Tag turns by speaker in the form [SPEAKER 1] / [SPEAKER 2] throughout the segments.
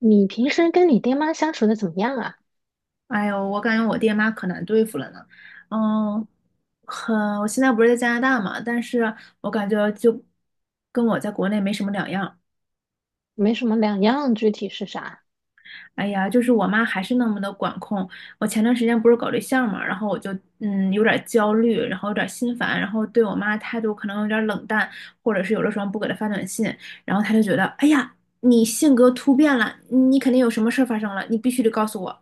[SPEAKER 1] 你平时跟你爹妈相处的怎么样啊？
[SPEAKER 2] 哎呦，我感觉我爹妈可难对付了呢。嗯，很，我现在不是在加拿大嘛，但是我感觉就跟我在国内没什么两样。
[SPEAKER 1] 没什么两样，具体是啥？
[SPEAKER 2] 哎呀，就是我妈还是那么的管控。我前段时间不是搞对象嘛，然后我就有点焦虑，然后有点心烦，然后对我妈态度可能有点冷淡，或者是有的时候不给她发短信，然后她就觉得，哎呀，你性格突变了，你肯定有什么事儿发生了，你必须得告诉我，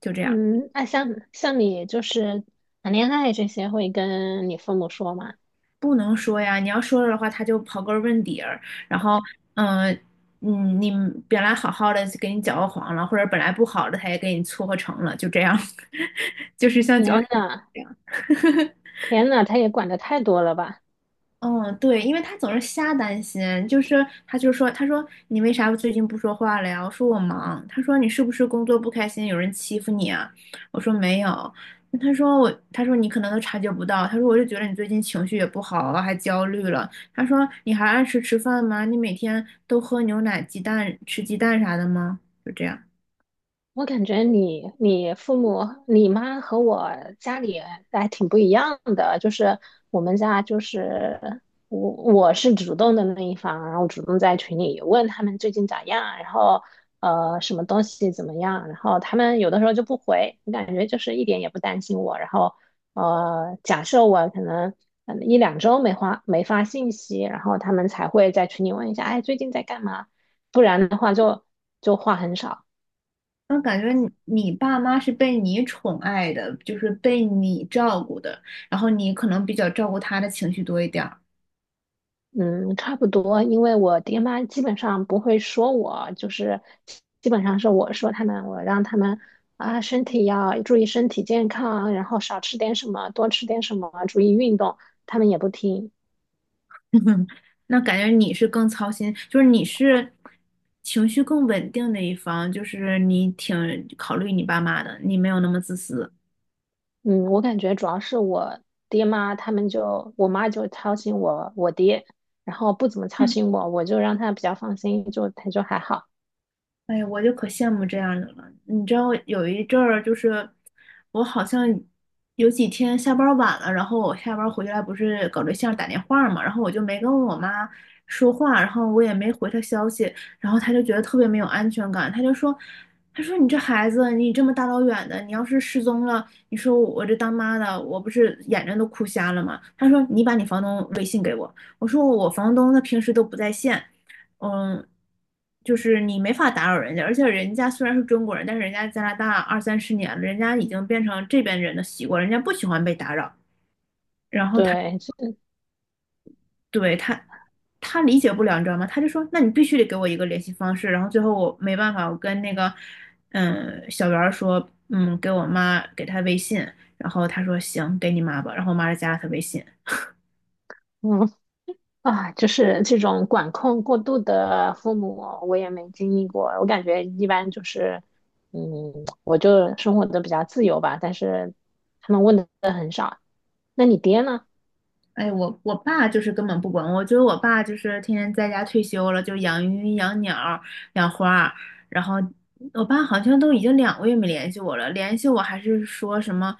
[SPEAKER 2] 就这样。
[SPEAKER 1] 嗯，那像你就是谈恋爱这些，会跟你父母说吗？
[SPEAKER 2] 不能说呀，你要说了的话，他就刨根问底儿，然后，嗯、你本来好好的就给你搅和黄了，或者本来不好的，他也给你撮合成了，就这样，就是像搅。
[SPEAKER 1] 天呐，天呐，他也管的太多了吧？
[SPEAKER 2] 嗯，对，因为他总是瞎担心，就是他就说，他说你为啥最近不说话了呀？我说我忙。他说你是不是工作不开心，有人欺负你啊？我说没有。那他说我，他说你可能都察觉不到。他说我就觉得你最近情绪也不好啊，还焦虑了。他说你还按时吃饭吗？你每天都喝牛奶、鸡蛋、吃鸡蛋啥的吗？就这样。
[SPEAKER 1] 我感觉你、你父母、你妈和我家里还挺不一样的，就是我们家就是我是主动的那一方，然后主动在群里问他们最近咋样，然后什么东西怎么样，然后他们有的时候就不回，我感觉就是一点也不担心我，然后假设我可能嗯一两周没发信息，然后他们才会在群里问一下，哎最近在干嘛，不然的话就话很少。
[SPEAKER 2] 我感觉你爸妈是被你宠爱的，就是被你照顾的，然后你可能比较照顾他的情绪多一点儿。
[SPEAKER 1] 嗯，差不多，因为我爹妈基本上不会说我，就是基本上是我说他们，我让他们啊，身体要注意身体健康，然后少吃点什么，多吃点什么，注意运动，他们也不听。
[SPEAKER 2] 那感觉你是更操心，就是你是情绪更稳定的一方，就是你挺考虑你爸妈的，你没有那么自私。
[SPEAKER 1] 嗯，我感觉主要是我爹妈，他们就我妈就操心我，我爹，然后不怎么操心我，我就让他比较放心，就他就还好。
[SPEAKER 2] 哎呀，我就可羡慕这样的了。你知道有一阵儿，就是我好像有几天下班儿晚了，然后我下班儿回来不是搞对象打电话嘛，然后我就没跟我妈说话，然后我也没回她消息，然后她就觉得特别没有安全感，她就说，她说你这孩子，你这么大老远的，你要是失踪了，你说我这当妈的，我不是眼睛都哭瞎了吗？她说你把你房东微信给我，我说我房东他平时都不在线。嗯，就是你没法打扰人家，而且人家虽然是中国人，但是人家加拿大二三十年了，人家已经变成这边人的习惯，人家不喜欢被打扰。然后他
[SPEAKER 1] 对，
[SPEAKER 2] 对他他理解不了，你知道吗？他就说：“那你必须得给我一个联系方式。”然后最后我没办法，我跟那个小袁儿说：“嗯，给我妈给他微信。”然后他说：“行，给你妈吧。”然后我妈就加了他微信。
[SPEAKER 1] 嗯，啊，就是这种管控过度的父母，我也没经历过。我感觉一般就是，嗯，我就生活的比较自由吧。但是他们问的，那你爹呢？
[SPEAKER 2] 哎，我爸就是根本不管我，觉得我爸就是天天在家退休了，就养鱼、养鸟养花儿然后我爸好像都已经2个月没联系我了，联系我还是说什么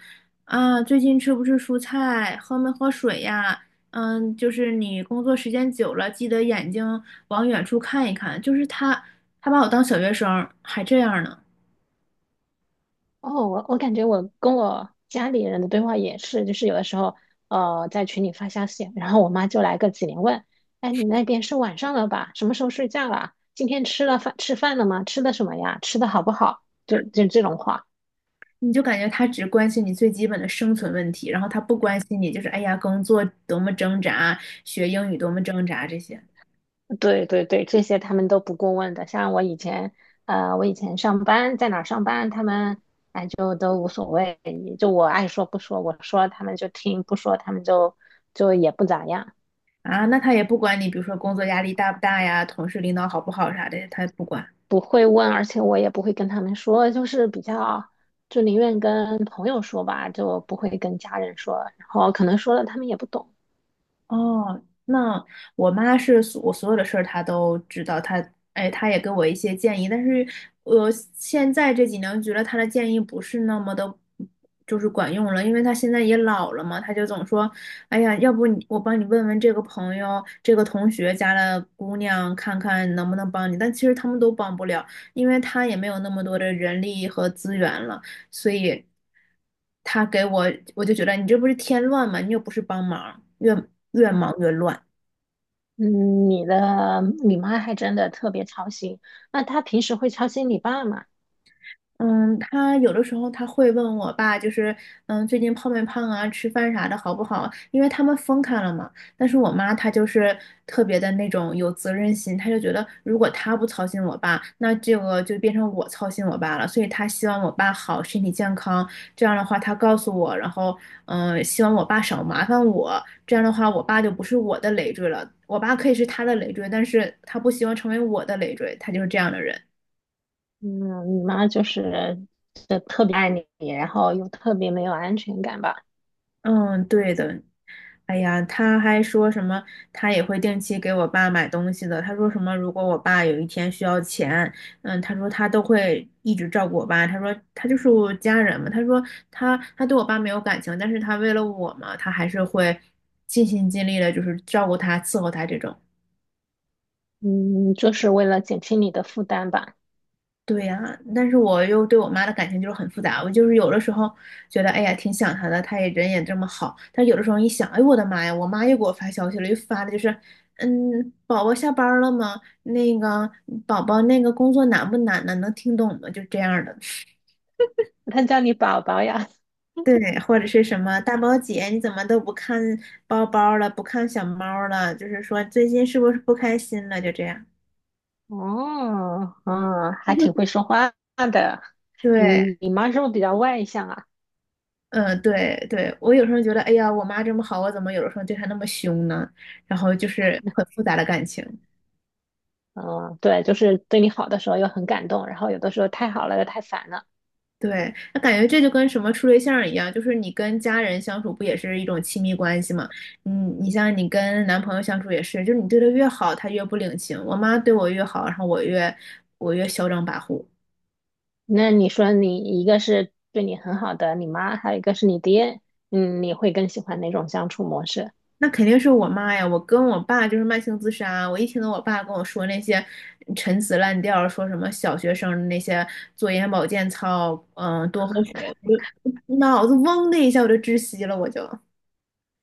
[SPEAKER 2] 啊，最近吃不吃蔬菜，喝没喝水呀？嗯，就是你工作时间久了，记得眼睛往远处看一看。就是他，他把我当小学生儿还这样呢。
[SPEAKER 1] 哦，我感觉我跟我家里人的对话也是，就是有的时候，在群里发消息，然后我妈就来个几连问，哎，你那边是晚上了吧？什么时候睡觉啦？今天吃饭了吗？吃的什么呀？吃的好不好？就这种话。
[SPEAKER 2] 你就感觉他只关心你最基本的生存问题，然后他不关心你，就是哎呀，工作多么挣扎，学英语多么挣扎这些
[SPEAKER 1] 对对对，这些他们都不过问的。像我以前，我以前上班在哪儿上班，他们就都无所谓，就我爱说不说，我说他们就听，不说他们就也不咋样，
[SPEAKER 2] 啊，那他也不管你，比如说工作压力大不大呀，同事领导好不好啥的，他也不管。
[SPEAKER 1] 不会问，而且我也不会跟他们说，就是比较就宁愿跟朋友说吧，就不会跟家人说，然后可能说了他们也不懂。
[SPEAKER 2] 哦，那我妈是我所有的事儿她都知道，她哎，她也给我一些建议，但是我现在这几年觉得她的建议不是那么的，就是管用了，因为她现在也老了嘛，她就总说，哎呀，要不我帮你问问这个朋友、这个同学家的姑娘，看看能不能帮你，但其实他们都帮不了，因为她也没有那么多的人力和资源了。所以他给我，我就觉得你这不是添乱吗？你又不是帮忙，越忙越乱。
[SPEAKER 1] 嗯，你的你妈还真的特别操心，那她平时会操心你爸吗？
[SPEAKER 2] 嗯，他有的时候他会问我爸，就是嗯，最近胖没胖啊，吃饭啥的好不好？因为他们分开了嘛。但是我妈她就是特别的那种有责任心，她就觉得如果她不操心我爸，那这个就变成我操心我爸了。所以她希望我爸好，身体健康。这样的话，她告诉我，然后嗯，希望我爸少麻烦我。这样的话，我爸就不是我的累赘了。我爸可以是他的累赘，但是他不希望成为我的累赘，他就是这样的人。
[SPEAKER 1] 嗯，你妈就是特别爱你，然后又特别没有安全感吧？
[SPEAKER 2] 嗯，对的。哎呀，他还说什么，他也会定期给我爸买东西的。他说什么，如果我爸有一天需要钱，嗯，他说他都会一直照顾我爸。他说他就是我家人嘛。他说他对我爸没有感情，但是他为了我嘛，他还是会尽心尽力的，就是照顾他、伺候他这种。
[SPEAKER 1] 嗯，就是为了减轻你的负担吧。
[SPEAKER 2] 对呀，但是我又对我妈的感情就是很复杂。我就是有的时候觉得，哎呀，挺想她的，她也人也这么好。但有的时候一想，哎，我的妈呀，我妈又给我发消息了，又发的就是，嗯，宝宝下班了吗？那个宝宝那个工作难不难呢？能听懂吗？就这样的。
[SPEAKER 1] 她叫你宝宝呀？
[SPEAKER 2] 对，或者是什么大宝姐，你怎么都不看包包了，不看小猫了？就是说最近是不是不开心了？就这样。
[SPEAKER 1] 哦，嗯，还挺会说话的。
[SPEAKER 2] 对，
[SPEAKER 1] 嗯，你妈是不是比较外向啊？
[SPEAKER 2] 嗯，对对，我有时候觉得，哎呀，我妈这么好，我怎么有的时候对她那么凶呢？然后就是很复杂的感情。
[SPEAKER 1] 嗯，对，就是对你好的时候又很感动，然后有的时候太好了又太烦了。
[SPEAKER 2] 对，那感觉这就跟什么处对象儿一样，就是你跟家人相处不也是一种亲密关系吗？嗯，你像你跟男朋友相处也是，就是你对他越好，他越不领情。我妈对我越好，然后我越嚣张跋扈。
[SPEAKER 1] 那你说你一个是对你很好的你妈，还有一个是你爹，嗯，你会更喜欢哪种相处模式？
[SPEAKER 2] 那肯定是我妈呀！我跟我爸就是慢性自杀啊。我一听到我爸跟我说那些陈词滥调，说什么小学生那些做眼保健操，嗯，多喝水，我就 脑子嗡的一下我就窒息了，我就。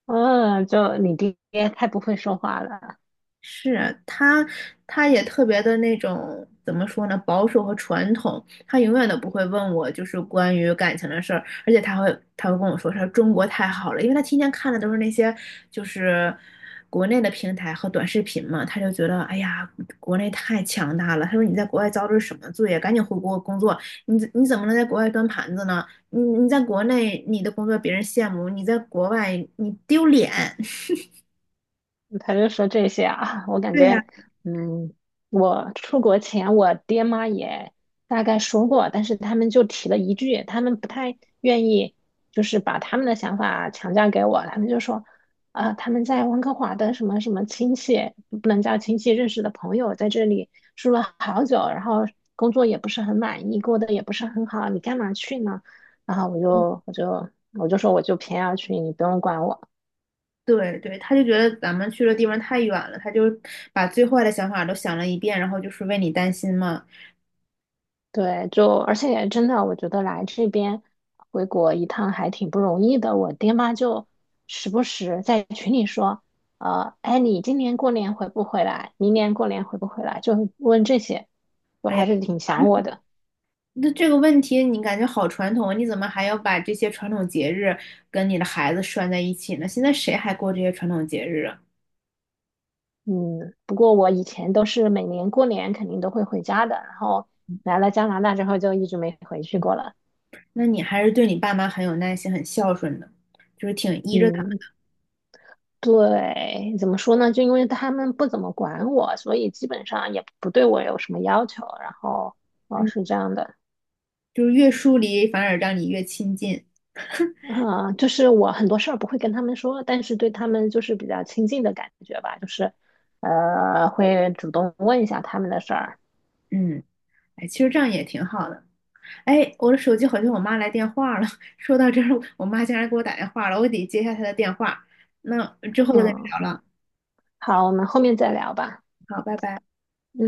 [SPEAKER 1] 嗯，就你爹太不会说话了。
[SPEAKER 2] 是他，他也特别的那种怎么说呢，保守和传统。他永远都不会问我就是关于感情的事儿，而且他会跟我说他说中国太好了，因为他天天看的都是那些就是国内的平台和短视频嘛，他就觉得哎呀，国内太强大了。他说你在国外遭的是什么罪呀？赶紧回国工作，你怎么能在国外端盘子呢？你在国内你的工作别人羡慕，你在国外你丢脸。
[SPEAKER 1] 他就说这些啊，我感
[SPEAKER 2] 对呀。
[SPEAKER 1] 觉，嗯，我出国前我爹妈也大概说过，但是他们就提了一句，他们不太愿意，就是把他们的想法强加给我，他们就说，啊、他们在温哥华的什么什么亲戚，不能叫亲戚，认识的朋友在这里住了好久，然后工作也不是很满意，过得也不是很好，你干嘛去呢？然后我就说我就偏要去，你不用管我。
[SPEAKER 2] 对对，他就觉得咱们去的地方太远了，他就把最坏的想法都想了一遍，然后就是为你担心嘛。
[SPEAKER 1] 对，就而且真的，我觉得来这边回国一趟还挺不容易的。我爹妈就时不时在群里说，哎，你今年过年回不回来？明年过年回不回来？就问这些，就
[SPEAKER 2] 哎
[SPEAKER 1] 还
[SPEAKER 2] 呀，
[SPEAKER 1] 是挺
[SPEAKER 2] 传
[SPEAKER 1] 想我
[SPEAKER 2] 统，
[SPEAKER 1] 的。
[SPEAKER 2] 那这个问题你感觉好传统啊，你怎么还要把这些传统节日跟你的孩子拴在一起呢？现在谁还过这些传统节日啊？
[SPEAKER 1] 嗯，不过我以前都是每年过年肯定都会回家的，然后来了加拿大之后就一直没回去过了。
[SPEAKER 2] 那你还是对你爸妈很有耐心、很孝顺的，就是挺依着他们，
[SPEAKER 1] 嗯。对，怎么说呢？就因为他们不怎么管我，所以基本上也不对我有什么要求。然后，哦，
[SPEAKER 2] 嗯，
[SPEAKER 1] 是这样的，
[SPEAKER 2] 就是越疏离反而让你越亲近，
[SPEAKER 1] 啊、就是我很多事儿不会跟他们说，但是对他们就是比较亲近的感觉吧，就是，会主动问一下他们的事儿。
[SPEAKER 2] 嗯，哎，其实这样也挺好的。哎，我的手机好像我妈来电话了。说到这儿，我妈竟然给我打电话了，我得接一下她的电话。那之后再跟你
[SPEAKER 1] 嗯，
[SPEAKER 2] 聊了，
[SPEAKER 1] 好，我们后面再聊吧。
[SPEAKER 2] 好，拜拜。
[SPEAKER 1] 嗯。